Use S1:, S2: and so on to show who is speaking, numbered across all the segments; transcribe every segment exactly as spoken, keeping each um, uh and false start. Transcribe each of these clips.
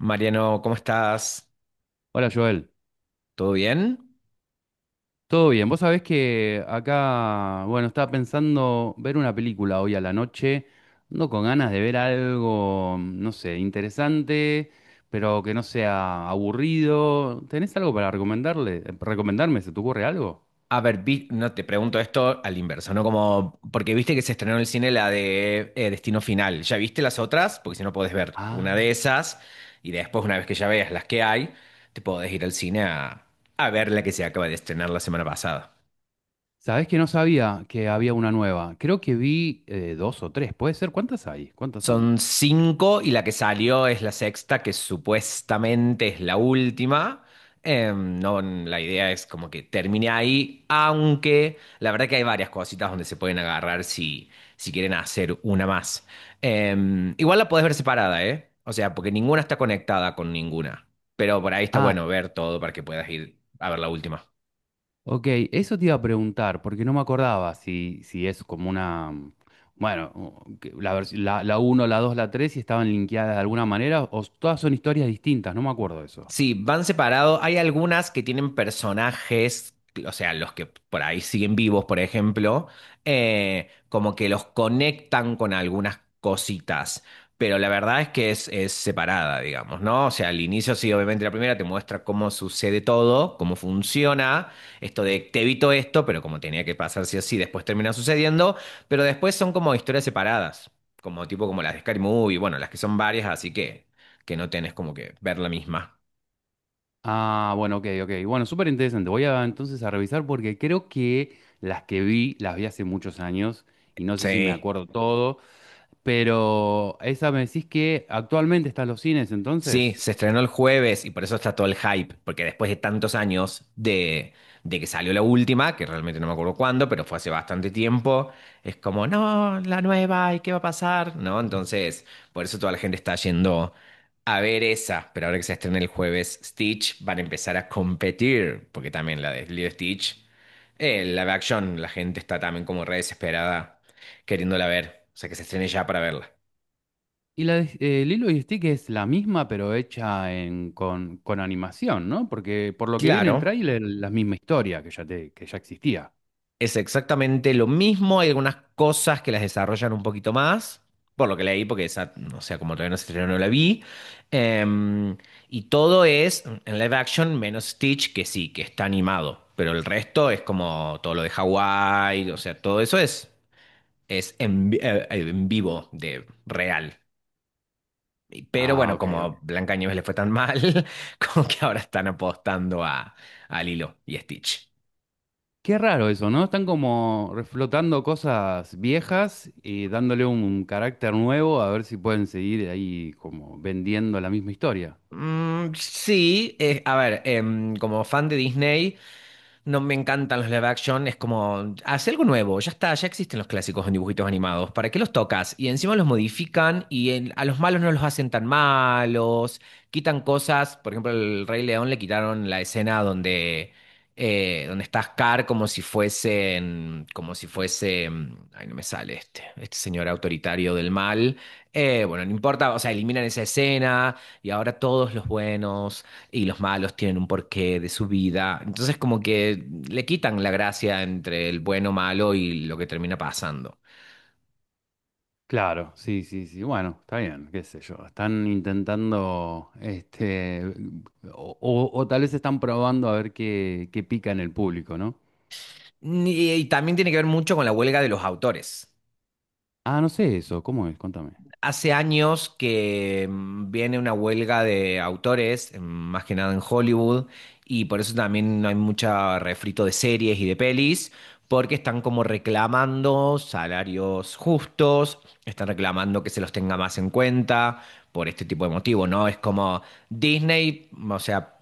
S1: Mariano, ¿cómo estás?
S2: Hola Joel,
S1: ¿Todo bien?
S2: ¿todo bien? Vos sabés que acá, bueno, estaba pensando ver una película hoy a la noche, ando con ganas de ver algo, no sé, interesante, pero que no sea aburrido. ¿Tenés algo para recomendarle? ¿Recomendarme? ¿Se te ocurre algo?
S1: A ver, vi- no te pregunto esto al inverso, ¿no? Como, porque viste que se estrenó en el cine la de eh, Destino Final. ¿Ya viste las otras? Porque si no podés ver una
S2: Ah,
S1: de esas y después, una vez que ya veas las que hay, te podés ir al cine a, a ver la que se acaba de estrenar la semana pasada.
S2: sabés que no sabía que había una nueva. Creo que vi eh, dos o tres, ¿puede ser? ¿Cuántas hay? ¿Cuántas son?
S1: Son cinco y la que salió es la sexta, que supuestamente es la última. Eh, no, la idea es como que termine ahí, aunque la verdad que hay varias cositas donde se pueden agarrar si, si quieren hacer una más. Eh, igual la podés ver separada, ¿eh? O sea, porque ninguna está conectada con ninguna. Pero por ahí está
S2: Ah,
S1: bueno ver todo para que puedas ir a ver la última.
S2: ok, eso te iba a preguntar, porque no me acordaba si, si es como una, mm, bueno, o- que la, vers- la, la uno, la dos la tres si estaban linkeadas de alguna manera, o s- todas son historias distintas, no me acuerdo de eso.
S1: Sí, van separados. Hay algunas que tienen personajes, o sea, los que por ahí siguen vivos, por ejemplo, eh, como que los conectan con algunas cositas. Pero la verdad es que es, es separada, digamos, ¿no? O sea, al inicio sí, obviamente la primera te muestra cómo sucede todo, cómo funciona, esto de te evito esto, pero como tenía que pasar sí o sí. Después termina sucediendo, pero después son como historias separadas, como tipo como las de Scary Movie, bueno, las que son varias, así que, que no tenés como que ver la misma.
S2: Ah, bueno, ok, ok. Bueno, súper interesante. Voy a entonces a revisar porque creo que las que vi, las vi hace muchos años y no sé si me
S1: Sí,
S2: acuerdo todo, pero esa me decís que actualmente está en los cines,
S1: sí,
S2: entonces.
S1: se estrenó el jueves y por eso está todo el hype, porque después de tantos años de, de que salió la última, que realmente no me acuerdo cuándo, pero fue hace bastante tiempo, es como, no, la nueva, ¿y qué va a pasar? ¿No? Entonces, por eso toda la gente está yendo a ver esa, pero ahora que se estrena el jueves Stitch, van a empezar a competir, porque también la de Lilo y Stitch, eh, live action, la gente está también como re desesperada queriéndola ver, o sea que se estrene ya para verla.
S2: Y la de- eh, Lilo y Stick es la misma, pero hecha en, con, con animación, ¿no? Porque por lo que vi en
S1: Claro.
S2: el tráiler, la misma historia que ya, te, que ya existía.
S1: Es exactamente lo mismo, hay algunas cosas que las desarrollan un poquito más, por lo que leí, porque esa, o sea, como todavía no se estrenó, no la vi. Em, y todo es en live action, menos Stitch, que sí, que está animado, pero el resto es como todo lo de Hawái, o sea, todo eso es, es en, vi- eh, eh, en vivo, de real. Y- Pero
S2: Ah,
S1: bueno,
S2: ok, ok.
S1: como Blancanieves le fue tan mal, como que ahora están apostando a, a Lilo y Stitch.
S2: Qué raro eso, ¿no? Están como reflotando cosas viejas y dándole un carácter nuevo a ver si pueden seguir ahí como vendiendo la misma historia.
S1: Mm, sí, eh, a ver, em, como fan de Disney, no me encantan los live action, es como, hace algo nuevo, ya está, ya existen los clásicos en dibujitos animados, ¿para qué los tocas? Y encima los modifican y en- a los malos no los hacen tan malos, quitan cosas, por ejemplo, el Rey León le quitaron la escena donde, eh, donde está Scar como si fuesen, como si fuese, mm, ay, no me sale este, este señor autoritario del mal. Eh, bueno, no importa, o sea, eliminan esa escena y ahora todos los buenos y los malos tienen un porqué de su vida. Entonces como que le quitan la gracia entre el bueno, malo y lo que termina pasando.
S2: Claro, sí, sí, sí. Bueno, está bien, qué sé yo. Están intentando, este, o, o- o tal vez están probando a ver qué, qué pica en el público, ¿no?
S1: Y, y también tiene que ver mucho con la huelga de los autores.
S2: Ah, no sé eso, ¿cómo es? Contame.
S1: Hace años que mm, viene una huelga de autores, mm, más que nada en Hollywood, y por eso también no hay mucho refrito de series y de pelis. Porque están como reclamando salarios justos, están reclamando que se los tenga más en cuenta por este tipo de motivo, ¿no? Es como Disney, o sea,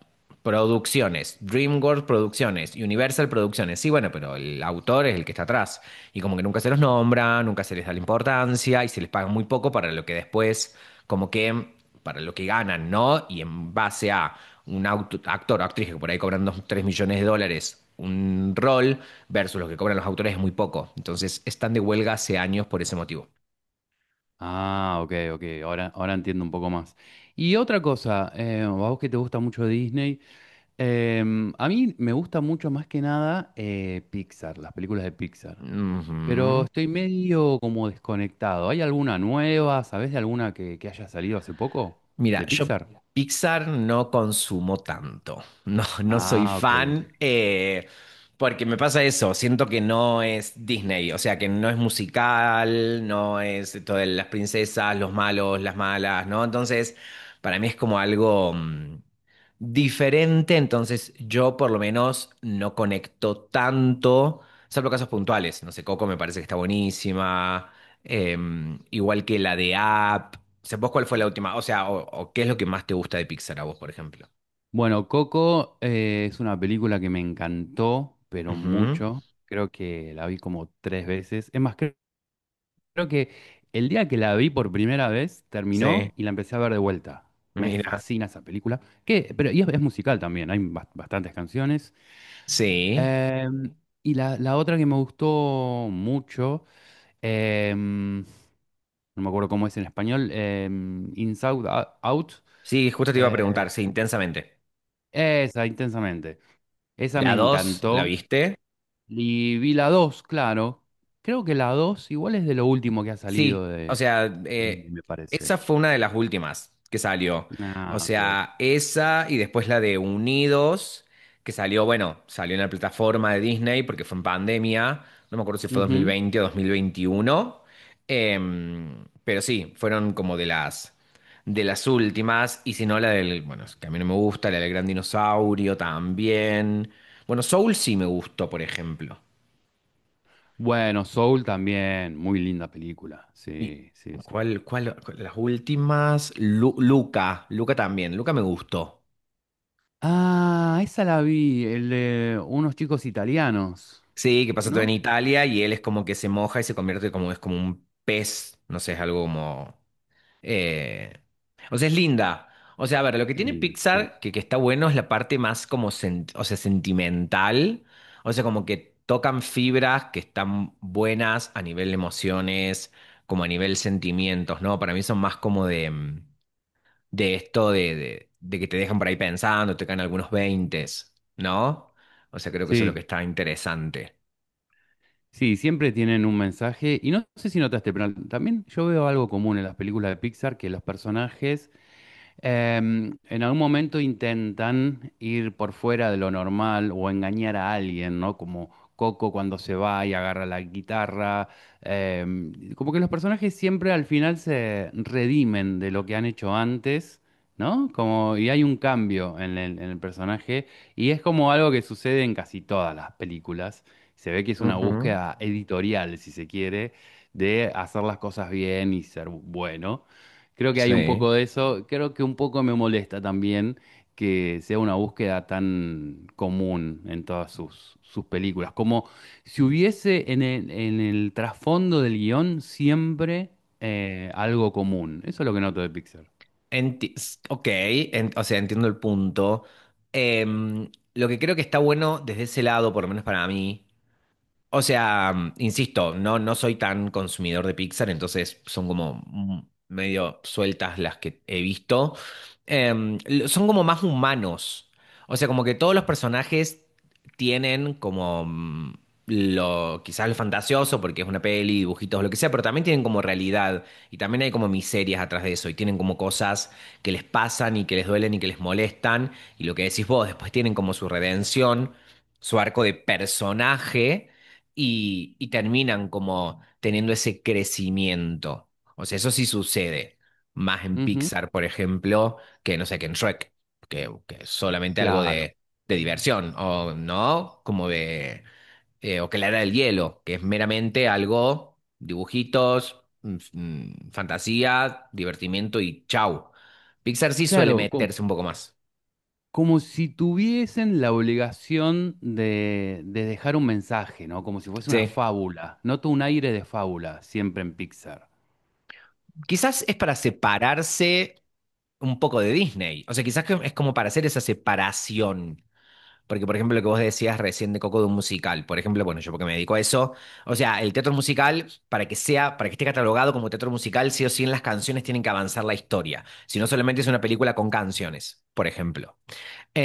S1: producciones, DreamWorks producciones, Universal producciones, sí, bueno, pero el autor es el que está atrás y como que nunca se los nombra, nunca se les da la importancia y se les paga muy poco para lo que después como que para lo que ganan, ¿no? Y en base a un auto- actor o actriz que por ahí cobran dos tres millones de dólares un rol versus lo que cobran los autores es muy poco. Entonces están de huelga hace años por ese motivo.
S2: Ah, ok, ok, ahora, ahora entiendo un poco más. Y otra cosa, eh, a vos que te gusta mucho Disney, em, a mí me gusta mucho más que nada eh, Pixar, las películas de Pixar,
S1: Ujú.
S2: pero estoy medio como desconectado. ¿Hay alguna nueva? ¿Sabés de alguna que, que haya salido hace poco?
S1: Mira,
S2: ¿De
S1: yo
S2: Pixar?
S1: Pixar no consumo tanto, no, no soy
S2: Ah, ok, ok.
S1: fan, eh, porque me pasa eso, siento que no es Disney, o sea, que no es musical, no es todo de las princesas, los malos, las malas, ¿no? Entonces, para mí es como algo mm, diferente, entonces yo por lo menos no conecto tanto, salvo casos puntuales, no sé, Coco me parece que está buenísima, eh, igual que la de App. ¿Sé vos cuál fue la última? O sea, o, o qué es lo que más te gusta de Pixar a vos, por ejemplo.
S2: Bueno, Coco eh, es una película que me encantó, pero
S1: Ujú,
S2: mucho. Creo que la vi como tres veces. Es más, creo Creo que el día que la vi por primera vez
S1: sí,
S2: terminó y la empecé a ver de vuelta. Me
S1: mira.
S2: fascina esa película. Que, pero y es, es musical también, hay bas- bastantes canciones.
S1: Sí.
S2: Em, y la, la otra que me gustó mucho, em, no me acuerdo cómo es en español, em, Inside Out,
S1: Sí, justo te iba a
S2: eh,
S1: preguntar, sí, intensamente.
S2: esa, intensamente. Esa me
S1: ¿La dos, la
S2: encantó.
S1: viste?
S2: Y vi la dos, claro. Creo que la dos igual es de lo último que ha
S1: Sí,
S2: salido
S1: o
S2: de...
S1: sea,
S2: de Disney,
S1: eh,
S2: me parece.
S1: esa fue una de las últimas que salió. O
S2: Ah, ok.
S1: sea, esa y después la de Unidos, que salió, bueno, salió en la plataforma de Disney porque fue en pandemia, no me acuerdo si fue dos mil
S2: Ujú.
S1: veinte o dos mil veintiuno, em, pero sí, fueron como de las, de las últimas, y si no la del, bueno, es que a mí no me gusta, la del Gran Dinosaurio también. Bueno, Soul sí me gustó, por ejemplo.
S2: Bueno, Soul también, muy linda película.
S1: ¿Y
S2: Sí, sí, sí.
S1: cuál, cuál, cuál- las últimas? Lu- Luca, Luca también, Luca me gustó.
S2: Ah, esa la vi, el de unos chicos italianos,
S1: Sí, que pasa todo en
S2: ¿no?
S1: Italia y él es como que se moja y se convierte como, es como un pez, no sé, es algo como... eh, O sea, es linda. O sea, a ver, lo que
S2: Es
S1: tiene
S2: linda, sí.
S1: Pixar, que, que está bueno, es la parte más como, sen- o sea, sentimental. O sea, como que tocan fibras que están buenas a nivel emociones, como a nivel sentimientos, ¿no? Para mí son más como de... mm, de esto de, de- de que te dejan por ahí pensando, te caen algunos veintes, ¿no? O sea, creo que eso es lo que
S2: Sí,
S1: está interesante.
S2: sí, siempre tienen un mensaje. Y no sé si notaste, pero también yo veo algo común en las películas de Pixar, que los personajes Em, en algún momento intentan ir por fuera de lo normal o engañar a alguien, ¿no? Como Coco cuando se va y agarra la guitarra. Em, como que los personajes siempre al final se redimen de lo que han hecho antes, ¿no? Como, y hay un cambio en el, en el personaje y es como algo que sucede en casi todas las películas. Se ve que es una
S1: Ujú.
S2: búsqueda editorial, si se quiere, de hacer las cosas bien y ser bueno. Creo que hay un
S1: Sí.
S2: poco de eso. Creo que un poco me molesta también que sea una búsqueda tan común en todas sus, sus películas. Como si hubiese en el, en el trasfondo del guión siempre eh, algo común. Eso es lo que noto de Pixar.
S1: Enti- s- ok, en- o sea, entiendo el punto. Em, lo que creo que está bueno desde ese lado, por lo menos para mí. O sea, insisto, no, no soy tan consumidor de Pixar, entonces son como mm, medio sueltas las que he visto. Em, l- son como más humanos. O sea, como que todos los personajes tienen como mm, lo, quizás lo fantasioso, porque es una peli, dibujitos, lo que sea, pero también tienen como realidad y también hay como miserias atrás de eso y tienen como cosas que les pasan y que les duelen y que les molestan y lo que decís vos, después tienen como su redención, su arco de personaje y, y terminan como teniendo ese crecimiento. O sea, eso sí sucede, más en
S2: Ujú,
S1: Pixar, por ejemplo, que no sé, que en Shrek, que, que es solamente algo
S2: claro,
S1: de, de diversión, o no, como de, eh, o que la era del hielo, que es meramente algo, dibujitos, mm, mm, fantasía, divertimiento y chau. Pixar sí suele
S2: claro, com-
S1: meterse un poco más.
S2: como, si tuviesen la obligación de, de dejar un mensaje, ¿no? Como si fuese una
S1: Sí.
S2: fábula. Noto un aire de fábula siempre en Pixar.
S1: Quizás es para separarse un poco de Disney. O sea, quizás que es como para hacer esa separación. Porque, por ejemplo, lo que vos decías recién de Coco de un musical, por ejemplo, bueno, yo porque me dedico a eso, o sea, el teatro musical, para que sea, para que esté catalogado como teatro musical, sí o sí en las canciones tienen que avanzar la historia, si no solamente es una película con canciones, por ejemplo.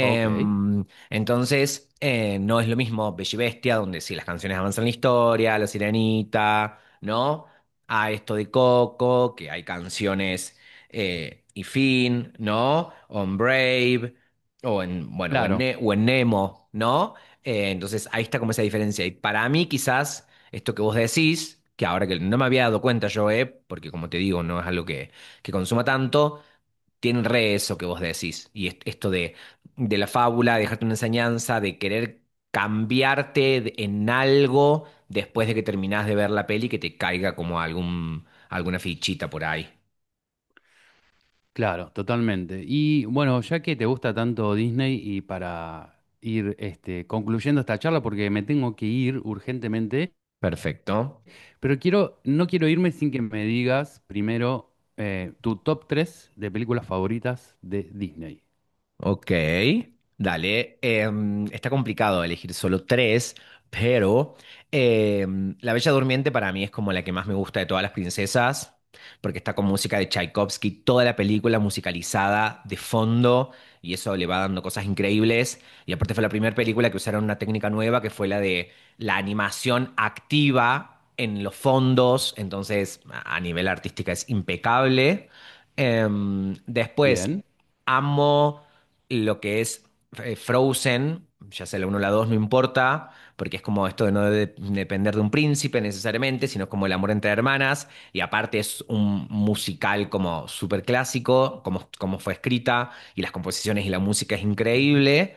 S2: Ok.
S1: entonces, eh, no es lo mismo Bella y Bestia, donde sí las canciones avanzan la historia, La Sirenita, ¿no? A esto de Coco, que hay canciones eh, y fin, ¿no? O en Brave, o en, bueno, o en,
S2: Claro.
S1: Ne- o en Nemo, ¿no? Eh, entonces, ahí está como esa diferencia. Y para mí, quizás, esto que vos decís, que ahora que no me había dado cuenta yo, eh, porque como te digo, no es algo que, que consuma tanto tienen re eso que vos decís. Y est- esto de, de la fábula, de dejarte una enseñanza, de querer cambiarte de- en algo después de que terminás de ver la peli, que te caiga como algún, alguna fichita por ahí.
S2: Claro, totalmente. Y bueno, ya que te gusta tanto Disney y para ir este, concluyendo esta charla, porque me tengo que ir urgentemente,
S1: Perfecto.
S2: pero quiero, no quiero irme sin que me digas primero eh, tu top tres de películas favoritas de Disney.
S1: Ok, dale. Em, está complicado elegir solo tres, pero em, La Bella Durmiente para mí es como la que más me gusta de todas las princesas, porque está con música de Tchaikovsky, toda la película musicalizada de fondo, y eso le va dando cosas increíbles. Y aparte fue la primera película que usaron una técnica nueva, que fue la de la animación activa en los fondos, entonces a a nivel artística es impecable. Em, después,
S2: Bien.
S1: amo lo que es eh, Frozen, ya sea la uno o la dos no importa, porque es como esto de no de- depender de un príncipe necesariamente, sino como el amor entre hermanas, y aparte es un musical como súper clásico, como, como fue escrita, y las composiciones y la música es
S2: Ujú.
S1: increíble.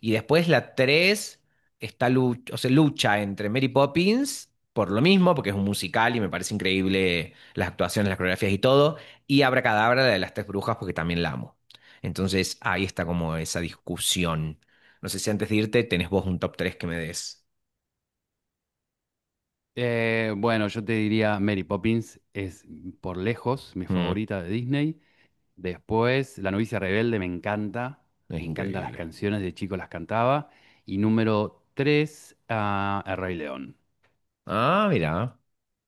S1: Y después la tres está lu- o sea, lucha entre Mary Poppins. Por lo mismo, porque es un musical y me parece increíble las actuaciones, las coreografías y todo. Y Abracadabra, la de las tres brujas, porque también la amo. Entonces ahí está como esa discusión. No sé si antes de irte tenés vos un top tres que me des.
S2: Eh, bueno, yo te diría Mary Poppins es por lejos mi
S1: Mm,
S2: favorita de Disney. Después, La novicia rebelde me encanta.
S1: es
S2: Me encantan las
S1: increíble.
S2: canciones, de chico las cantaba. Y número tres, ah, El Rey León.
S1: Ah, mira.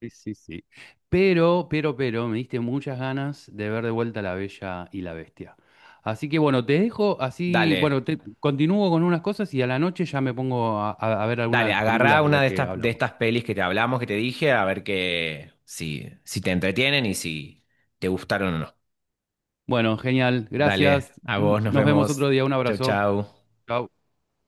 S2: Sí, sí, sí. Pero, pero, pero, me diste muchas ganas de ver de vuelta La Bella y la Bestia. Así que bueno, te dejo así, bueno,
S1: Dale,
S2: te, continúo con unas cosas y a la noche ya me pongo a, a- a ver alguna de
S1: dale,
S2: las
S1: agarrá
S2: películas de
S1: una
S2: las
S1: de
S2: que
S1: estas, de estas
S2: hablamos.
S1: pelis que te hablamos, que te dije, a ver que, si, si te entretienen y si te gustaron o no.
S2: Bueno, genial,
S1: Dale,
S2: gracias.
S1: a
S2: N-
S1: vos, nos
S2: Nos vemos
S1: vemos.
S2: otro día, un
S1: Chau,
S2: abrazo.
S1: chau.
S2: Chao.